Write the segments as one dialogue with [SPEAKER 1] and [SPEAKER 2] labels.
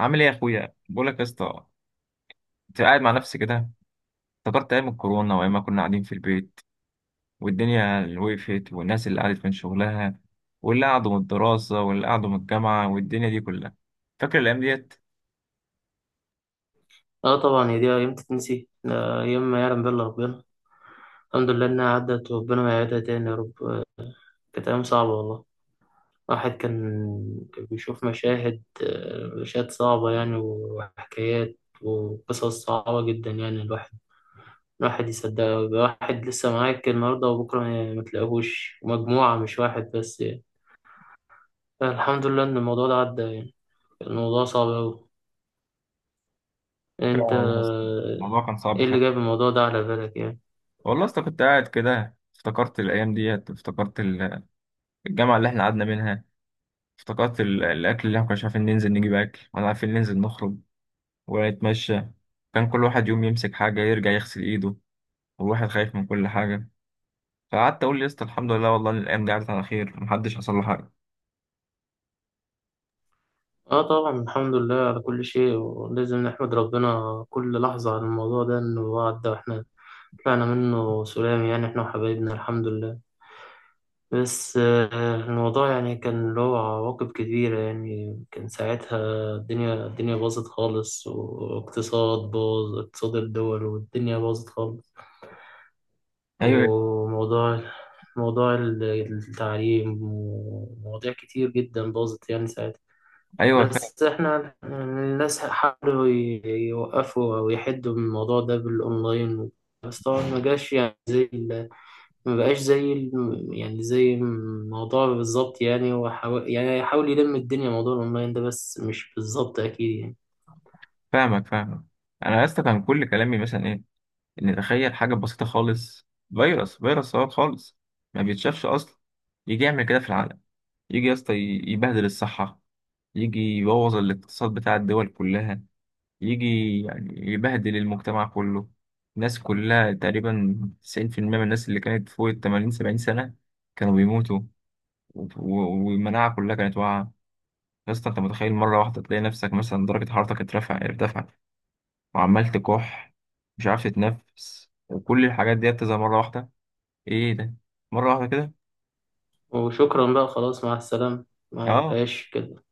[SPEAKER 1] عامل ايه يا اخويا؟ بقول لك يا اسطى، انت قاعد مع نفسك كده، افتكرت ايام الكورونا، وايام ما كنا قاعدين في البيت، والدنيا اللي وقفت، والناس اللي قعدت من شغلها، واللي قعدوا من الدراسه، واللي قعدوا من الجامعه، والدنيا دي كلها. فاكر الايام ديت؟
[SPEAKER 2] اه، طبعا هي دي ايام تتنسي ايام ما يعلم بالله ربنا. الحمد لله انها عدت وربنا ما يعيدها تاني يا رب كانت ايام صعبة والله. الواحد كان بيشوف مشاهد مشاهد صعبة يعني، وحكايات وقصص صعبة جدا. يعني الواحد يصدقها، يبقى واحد لسه معاك النهاردة وبكرة ما تلاقيهوش، مجموعة مش واحد بس يعني. الحمد لله ان الموضوع ده عدى يعني، الموضوع صعب اوي.
[SPEAKER 1] فعلا
[SPEAKER 2] انت
[SPEAKER 1] والله يا اسطى، الموضوع كان صعب
[SPEAKER 2] ايه اللي
[SPEAKER 1] فعلا.
[SPEAKER 2] جاب الموضوع ده على بالك يعني؟
[SPEAKER 1] والله يا اسطى كنت قاعد كده، افتكرت الايام ديت، افتكرت الجامعه اللي احنا قعدنا منها. افتكرت الاكل اللي احنا كناش عارفين ننزل نجيب اكل، ولا عارفين ننزل نخرج ونتمشى. كان كل واحد يوم يمسك حاجه يرجع يغسل ايده، والواحد خايف من كل حاجه. فقعدت اقول يا اسطى، الحمد لله والله إن الايام دي عدت على خير، محدش حصل له حاجه.
[SPEAKER 2] اه طبعا، الحمد لله على كل شيء، ولازم نحمد ربنا كل لحظة على الموضوع ده انه هو عدى واحنا طلعنا منه سلام، يعني احنا وحبايبنا الحمد لله. بس الموضوع يعني كان له عواقب كبيرة، يعني كان ساعتها الدنيا باظت خالص، واقتصاد باظ، اقتصاد الدول والدنيا باظت خالص.
[SPEAKER 1] ايوه،
[SPEAKER 2] وموضوع موضوع التعليم ومواضيع كتير جدا باظت يعني ساعتها.
[SPEAKER 1] ايوه.
[SPEAKER 2] بس احنا الناس حاولوا يوقفوا او يحدوا من الموضوع ده بالاونلاين، بس طبعا ما جاش يعني زي ما بقاش زي يعني زي الموضوع بالظبط يعني، وحاول يعني يحاول يلم الدنيا موضوع الاونلاين ده، بس مش بالظبط اكيد يعني.
[SPEAKER 1] فاهمك فاهمك. انا يا اسطى كان كل كلامي مثلا ايه؟ ان تخيل حاجه بسيطه خالص، فيروس فيروس صغير خالص، ما بيتشافش اصلا، يجي يعمل كده في العالم، يجي يا اسطى، يبهدل الصحه، يجي يبوظ الاقتصاد بتاع الدول كلها، يجي يعني يبهدل المجتمع كله. الناس كلها تقريبا، 90% من الناس اللي كانت فوق ال 80 70 سنه، كانوا بيموتوا. والمناعه كلها كانت واقعه. يا اسطى، انت متخيل مره واحده تلاقي نفسك مثلا درجه حرارتك ارتفع، وعمال تكح، مش عارف تتنفس، وكل الحاجات دي تظهر مره واحده. ايه ده؟ مره واحده كده؟
[SPEAKER 2] وشكرا بقى، خلاص مع السلامة، ما
[SPEAKER 1] اه.
[SPEAKER 2] فيهاش كده.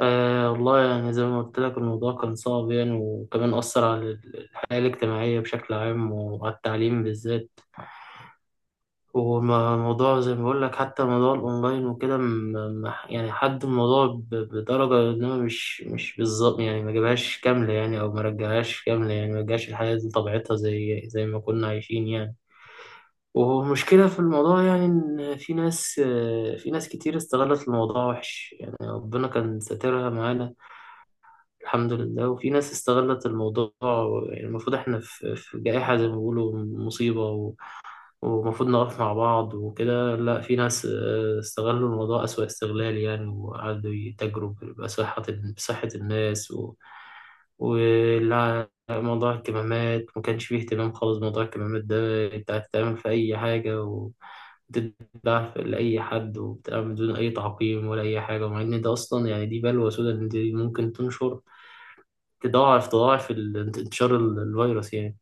[SPEAKER 2] آه والله يعني زي ما قلت لك الموضوع كان صعب يعني، وكمان أثر على الحياة الاجتماعية بشكل عام وعلى التعليم بالذات. وموضوع زي ما بقول لك، حتى موضوع الاونلاين وكده يعني حد الموضوع بدرجه، انما مش بالظبط يعني، ما جابهاش كامله يعني، او ما رجعهاش كامله يعني، ما رجعش الحياه دي طبيعتها زي ما كنا عايشين يعني. ومشكله في الموضوع يعني ان في ناس، في ناس كتير استغلت الموضوع وحش يعني، ربنا كان ساترها معانا الحمد لله. وفي ناس استغلت الموضوع، يعني المفروض احنا في جائحه زي ما بيقولوا، مصيبه، ومفروض نقف مع بعض وكده. لا، في ناس استغلوا الموضوع أسوأ استغلال يعني، وقعدوا يتاجروا بصحة، الناس و... ولا موضوع الكمامات ما كانش فيه اهتمام خالص. موضوع الكمامات ده انت هتتعمل في أي حاجة و... بتتباع لأي حد، وبتتعمل بدون أي تعقيم ولا أي حاجة، ومع إن ده أصلا يعني دي بلوى سودا، إن دي ممكن تنشر، تضاعف انتشار الفيروس يعني.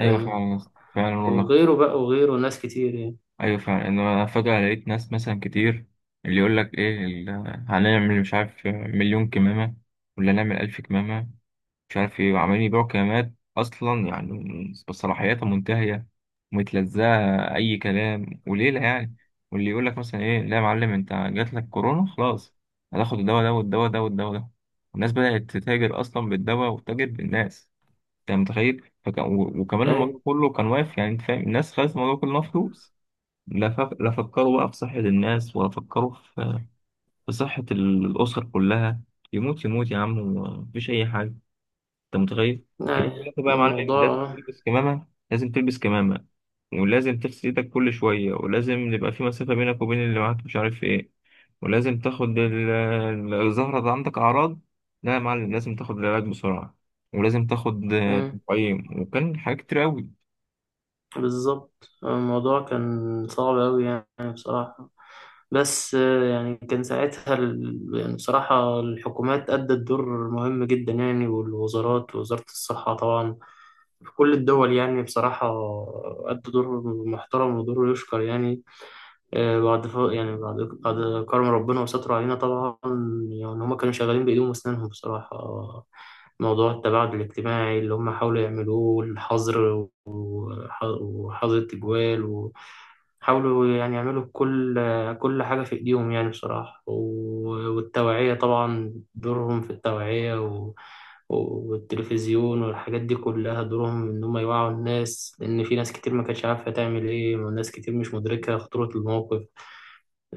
[SPEAKER 1] ايوه،
[SPEAKER 2] فاهم؟
[SPEAKER 1] فعلا يا اسطى. فعلا والله.
[SPEAKER 2] وغيره بقى وغيره، ناس كتير يعني.
[SPEAKER 1] ايوه فعلا، ان انا فجاه لقيت ناس مثلا كتير، اللي يقول لك ايه هنعمل مش عارف، مليون كمامه، ولا نعمل الف كمامه، مش عارف ايه، وعمالين يبيعوا كمامات اصلا يعني، بصلاحياتها منتهيه، ومتلزقه، اي كلام وليله يعني. واللي يقول لك مثلا ايه، لا يا معلم، انت جات لك كورونا خلاص، هتاخد الدواء ده، والدواء ده، والدواء ده. الناس بدات تتاجر اصلا بالدواء، وتتاجر بالناس. انت متخيل؟ وكمان الموضوع
[SPEAKER 2] أيوة.
[SPEAKER 1] كله كان واقف يعني، انت فاهم؟ الناس خدت الموضوع كله فلوس. لا فكروا بقى في صحه الناس، ولا فكروا في صحه الاسر كلها. يموت يموت يا عم، ومفيش اي حاجه. انت متخيل؟ كان يجي يقول
[SPEAKER 2] يعني
[SPEAKER 1] لك بقى يا معلم،
[SPEAKER 2] الموضوع
[SPEAKER 1] لازم تلبس كمامه، لازم تلبس كمامه، ولازم تغسل ايدك كل شويه، ولازم يبقى في مسافه بينك وبين اللي معاك، مش عارف ايه، ولازم تاخد الزهره، ده عندك اعراض، لا يا معلم لازم تاخد العلاج بسرعه، ولازم تاخد
[SPEAKER 2] مم،
[SPEAKER 1] تقييم، وكان حاجات كتير قوي.
[SPEAKER 2] بالظبط الموضوع كان صعب أوي يعني، بصراحة. بس يعني كان ساعتها يعني بصراحة الحكومات أدت دور مهم جدا يعني، والوزارات ووزارة الصحة طبعا في كل الدول يعني، بصراحة أدوا دور محترم ودور يشكر يعني. آه، بعد ف... يعني بعد كرم ربنا وستر علينا طبعا، يعني هما كانوا شغالين بإيديهم وأسنانهم بصراحة. موضوع التباعد الاجتماعي اللي هم حاولوا يعملوه، والحظر، وحاطط أجوال، وحاولوا يعني يعملوا كل حاجة في إيديهم يعني، بصراحة. و- والتوعية طبعا، دورهم في التوعية و... والتلفزيون والحاجات دي كلها، دورهم إن هم يوعوا الناس، لأن في ناس كتير ما كانتش عارفة تعمل إيه، وناس كتير مش مدركة خطورة الموقف.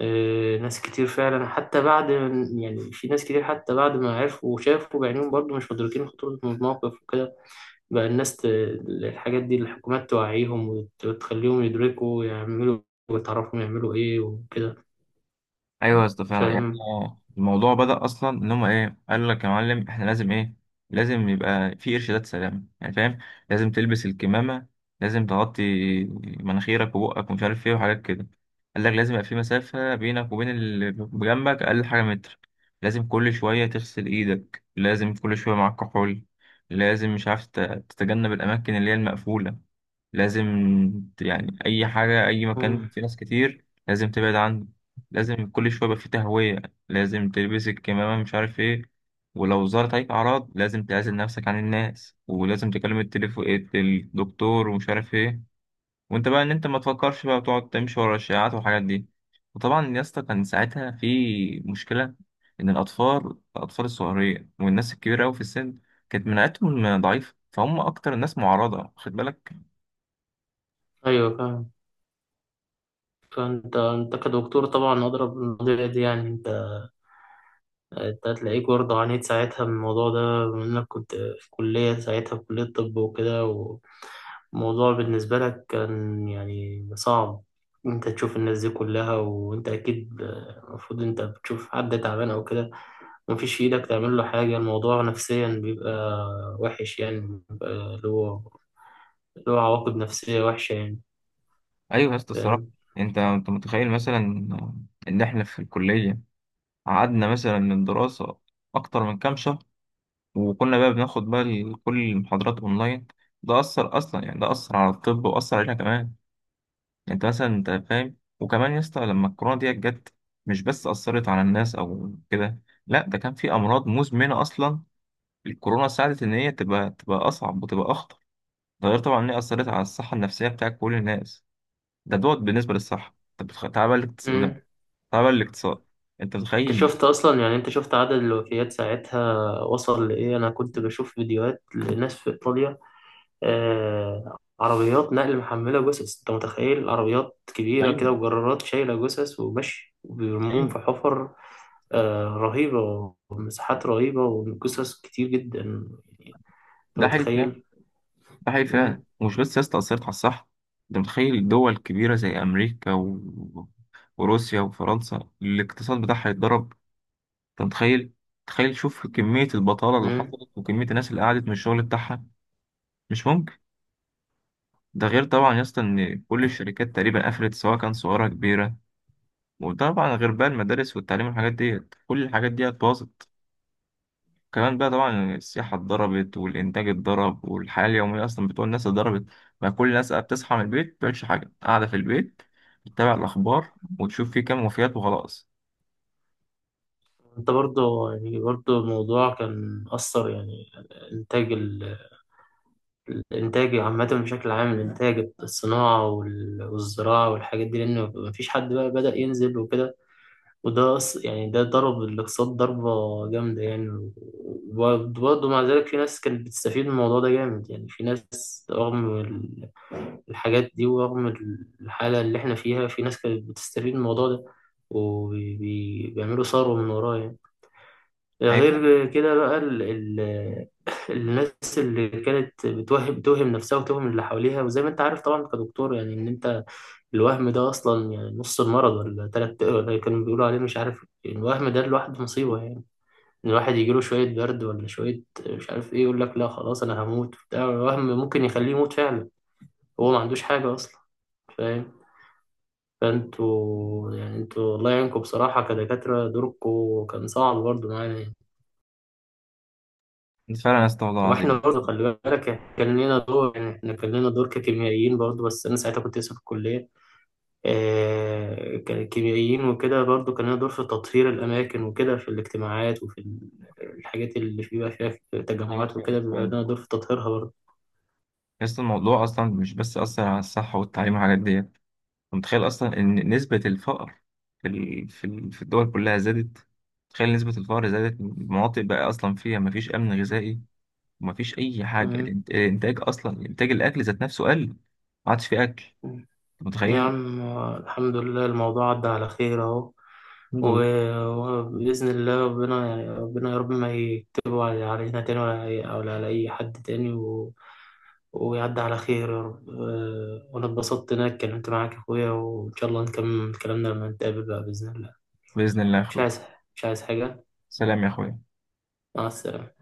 [SPEAKER 2] ناس كتير فعلا حتى بعد، يعني في ناس كتير حتى بعد ما عرفوا وشافوا بعينيهم برضو مش مدركين خطورة الموقف. بقى الناس ت... الحاجات دي الحكومات توعيهم، وتخليهم يدركوا يعملوا، وتعرفهم يعملوا ايه وكده.
[SPEAKER 1] ايوه يا اسطى فعلا يعني،
[SPEAKER 2] فاهم؟
[SPEAKER 1] الموضوع بدأ اصلا، ان هم ايه؟ قال لك يا معلم، احنا لازم ايه؟ لازم يبقى في ارشادات سلامه يعني، فاهم؟ لازم تلبس الكمامه، لازم تغطي مناخيرك وبقك، ومش عارف ايه، وحاجات كده. قال لك لازم يبقى في مسافه بينك وبين اللي بجنبك، اقل حاجه متر، لازم كل شويه تغسل ايدك، لازم كل شويه معاك كحول، لازم مش عارف تتجنب الاماكن اللي هي المقفوله، لازم يعني أي حاجة، أي مكان
[SPEAKER 2] مم.
[SPEAKER 1] فيه ناس كتير لازم تبعد عنه. لازم كل شوية يبقى فيه تهوية، لازم تلبس الكمامة، مش عارف إيه. ولو ظهرت عليك أعراض لازم تعزل نفسك عن الناس، ولازم تكلم التليفون الدكتور، ومش عارف إيه. وأنت بقى إن أنت ما تفكرش بقى، وتقعد تمشي ورا الشائعات والحاجات دي. وطبعا يا اسطى كان ساعتها في مشكلة، إن الأطفال الأطفال الصغيرة والناس الكبيرة أوي في السن، كانت مناعتهم ضعيفة، فهم أكتر الناس معرضة، خد بالك.
[SPEAKER 2] ايوه فاهم. فانت كدكتور طبعا اضرب المواضيع دي، يعني انت انت هتلاقيك برضه عانيت ساعتها من الموضوع ده، بما انك كنت في كلية ساعتها، في كلية طب وكده، والموضوع بالنسبة لك كان يعني صعب. انت تشوف الناس دي كلها، وانت اكيد المفروض انت بتشوف حد تعبان او كده، مفيش في ايدك تعمل له حاجة، الموضوع نفسيا بيبقى وحش يعني، بيبقى له له عواقب نفسية وحشة يعني.
[SPEAKER 1] ايوه يا اسطى، الصراحه،
[SPEAKER 2] فاهم؟
[SPEAKER 1] انت متخيل مثلا، ان احنا في الكليه قعدنا مثلا من دراسه اكتر من كام شهر، وكنا بقى بناخد بقى كل المحاضرات اونلاين. ده اثر اصلا يعني، ده اثر على الطب، واثر علينا كمان. انت مثلا انت فاهم، وكمان يا اسطى لما الكورونا ديت جت، مش بس اثرت على الناس او كده، لا ده كان في امراض مزمنه اصلا، الكورونا ساعدت ان هي تبقى اصعب، وتبقى اخطر. ده غير طبعا ان هي اثرت على الصحه النفسيه بتاع كل الناس. ده دوت بالنسبه للصحه، طب تعالى بقى
[SPEAKER 2] مم.
[SPEAKER 1] تبع الاقتصاد. انت
[SPEAKER 2] انت
[SPEAKER 1] متخيل؟
[SPEAKER 2] شفت اصلا يعني، انت شفت عدد الوفيات ساعتها وصل لايه؟ انا كنت بشوف فيديوهات لناس في ايطاليا، آه عربيات نقل محملة جثث، انت متخيل؟ عربيات كبيرة
[SPEAKER 1] ايوه،
[SPEAKER 2] كده وجرارات شايلة جثث وماشي وبيرموهم
[SPEAKER 1] ايوه.
[SPEAKER 2] في حفر، آه رهيبة، ومساحات رهيبة وجثث كتير جدا يعني، انت
[SPEAKER 1] ده حقيقي فعلا.
[SPEAKER 2] متخيل.
[SPEAKER 1] ده حقيقي فعلا،
[SPEAKER 2] مم.
[SPEAKER 1] ومش بس سياسة أثرت على الصحة. انت متخيل دول كبيرة زي أمريكا وروسيا وفرنسا، الاقتصاد بتاعها يتضرب. انت متخيل؟ تخيل، شوف كمية البطالة اللي
[SPEAKER 2] مم.
[SPEAKER 1] حصلت، وكمية الناس اللي قعدت من الشغل بتاعها. مش ممكن. ده غير طبعا يا اسطى ان كل الشركات تقريبا قفلت، سواء كان صغيرة كبيرة. وطبعا غير بقى المدارس والتعليم والحاجات ديت، كل الحاجات ديت باظت. كمان بقى طبعا السياحة اتضربت، والإنتاج اتضرب، والحياة اليومية أصلا بتوع الناس اتضربت. بقى كل الناس بقى بتصحى من البيت، مبتعملش حاجة، قاعدة في البيت، بتتابع الأخبار، وتشوف فيه كام وفيات، وخلاص.
[SPEAKER 2] انت برضه يعني، برضه الموضوع كان أثر يعني إنتاج الإنتاج عامة، بشكل عام، الإنتاج، الصناعة والزراعة والحاجات دي، لأن مفيش حد بقى بدأ ينزل وكده، وده أص- يعني ده ضرب الاقتصاد ضربة جامدة يعني. وبرضه مع ذلك في ناس كانت بتستفيد من الموضوع ده جامد يعني، في ناس رغم الحاجات دي ورغم الحالة اللي احنا فيها، في ناس كانت بتستفيد من الموضوع ده وبيعملوا ثروة من وراه يعني.
[SPEAKER 1] أي،
[SPEAKER 2] غير كده بقى ال الناس اللي كانت بتوهم نفسها وتوهم اللي حواليها، وزي ما انت عارف طبعا كدكتور، يعني ان انت الوهم ده اصلا يعني نص المرض، ولا تلات، ولا كانوا بيقولوا عليه مش عارف، الوهم ده لوحده مصيبة يعني. ان الواحد يجيله شوية برد ولا شوية مش عارف ايه، يقول لك لا خلاص انا هموت، بتاع الوهم ممكن يخليه يموت فعلا، هو ما عندوش حاجة اصلا. فاهم؟ فانتوا يعني انتوا الله يعينكم بصراحة كدكاترة، دوركم كان صعب برضه معانا يعني.
[SPEAKER 1] فعلا يا اسطى والله
[SPEAKER 2] واحنا
[SPEAKER 1] العظيم.
[SPEAKER 2] برضه خلي بالك كان لنا دور يعني، احنا كان لنا دور ككيميائيين برضه، بس انا ساعتها كنت لسه في الكليه، آه ككيميائيين وكده، برضه كان لنا دور في تطهير الاماكن وكده، في الاجتماعات وفي الحاجات اللي بيبقى فيها
[SPEAKER 1] أيوة،
[SPEAKER 2] تجمعات
[SPEAKER 1] فعلا
[SPEAKER 2] وكده، بيبقى
[SPEAKER 1] فعلا.
[SPEAKER 2] لنا دور في تطهيرها برضه.
[SPEAKER 1] يا اسطى الموضوع أصلا مش بس أثر على الصحة والتعليم والحاجات ديت. أنت متخيل أصلا إن نسبة الفقر في الدول كلها زادت. تخيل نسبة الفقر زادت، المناطق بقى أصلا فيها مفيش أمن غذائي، ومفيش اي حاجه.
[SPEAKER 2] آه.
[SPEAKER 1] الانتاج اصلا انتاج الاكل ذات نفسه قل، ما عادش في اكل. أنت
[SPEAKER 2] يا
[SPEAKER 1] متخيل؟
[SPEAKER 2] عم الحمد لله الموضوع عدى على خير اهو.
[SPEAKER 1] الحمد لله.
[SPEAKER 2] و- وبإذن الله ربنا، ربنا يا رب ما يكتبه على- علينا تاني، ولا على ولا على أي حد تاني و... ويعدي على خير يا رب. وأنا اتبسطت إن أنا اتكلمت معاك يا أخويا، وإن شاء الله نكمل كلامنا لما نتقابل بقى بإذن الله.
[SPEAKER 1] باذن الله يا
[SPEAKER 2] مش
[SPEAKER 1] اخوي.
[SPEAKER 2] عايز، مش عايز حاجة.
[SPEAKER 1] سلام يا اخوي.
[SPEAKER 2] مع السلامة.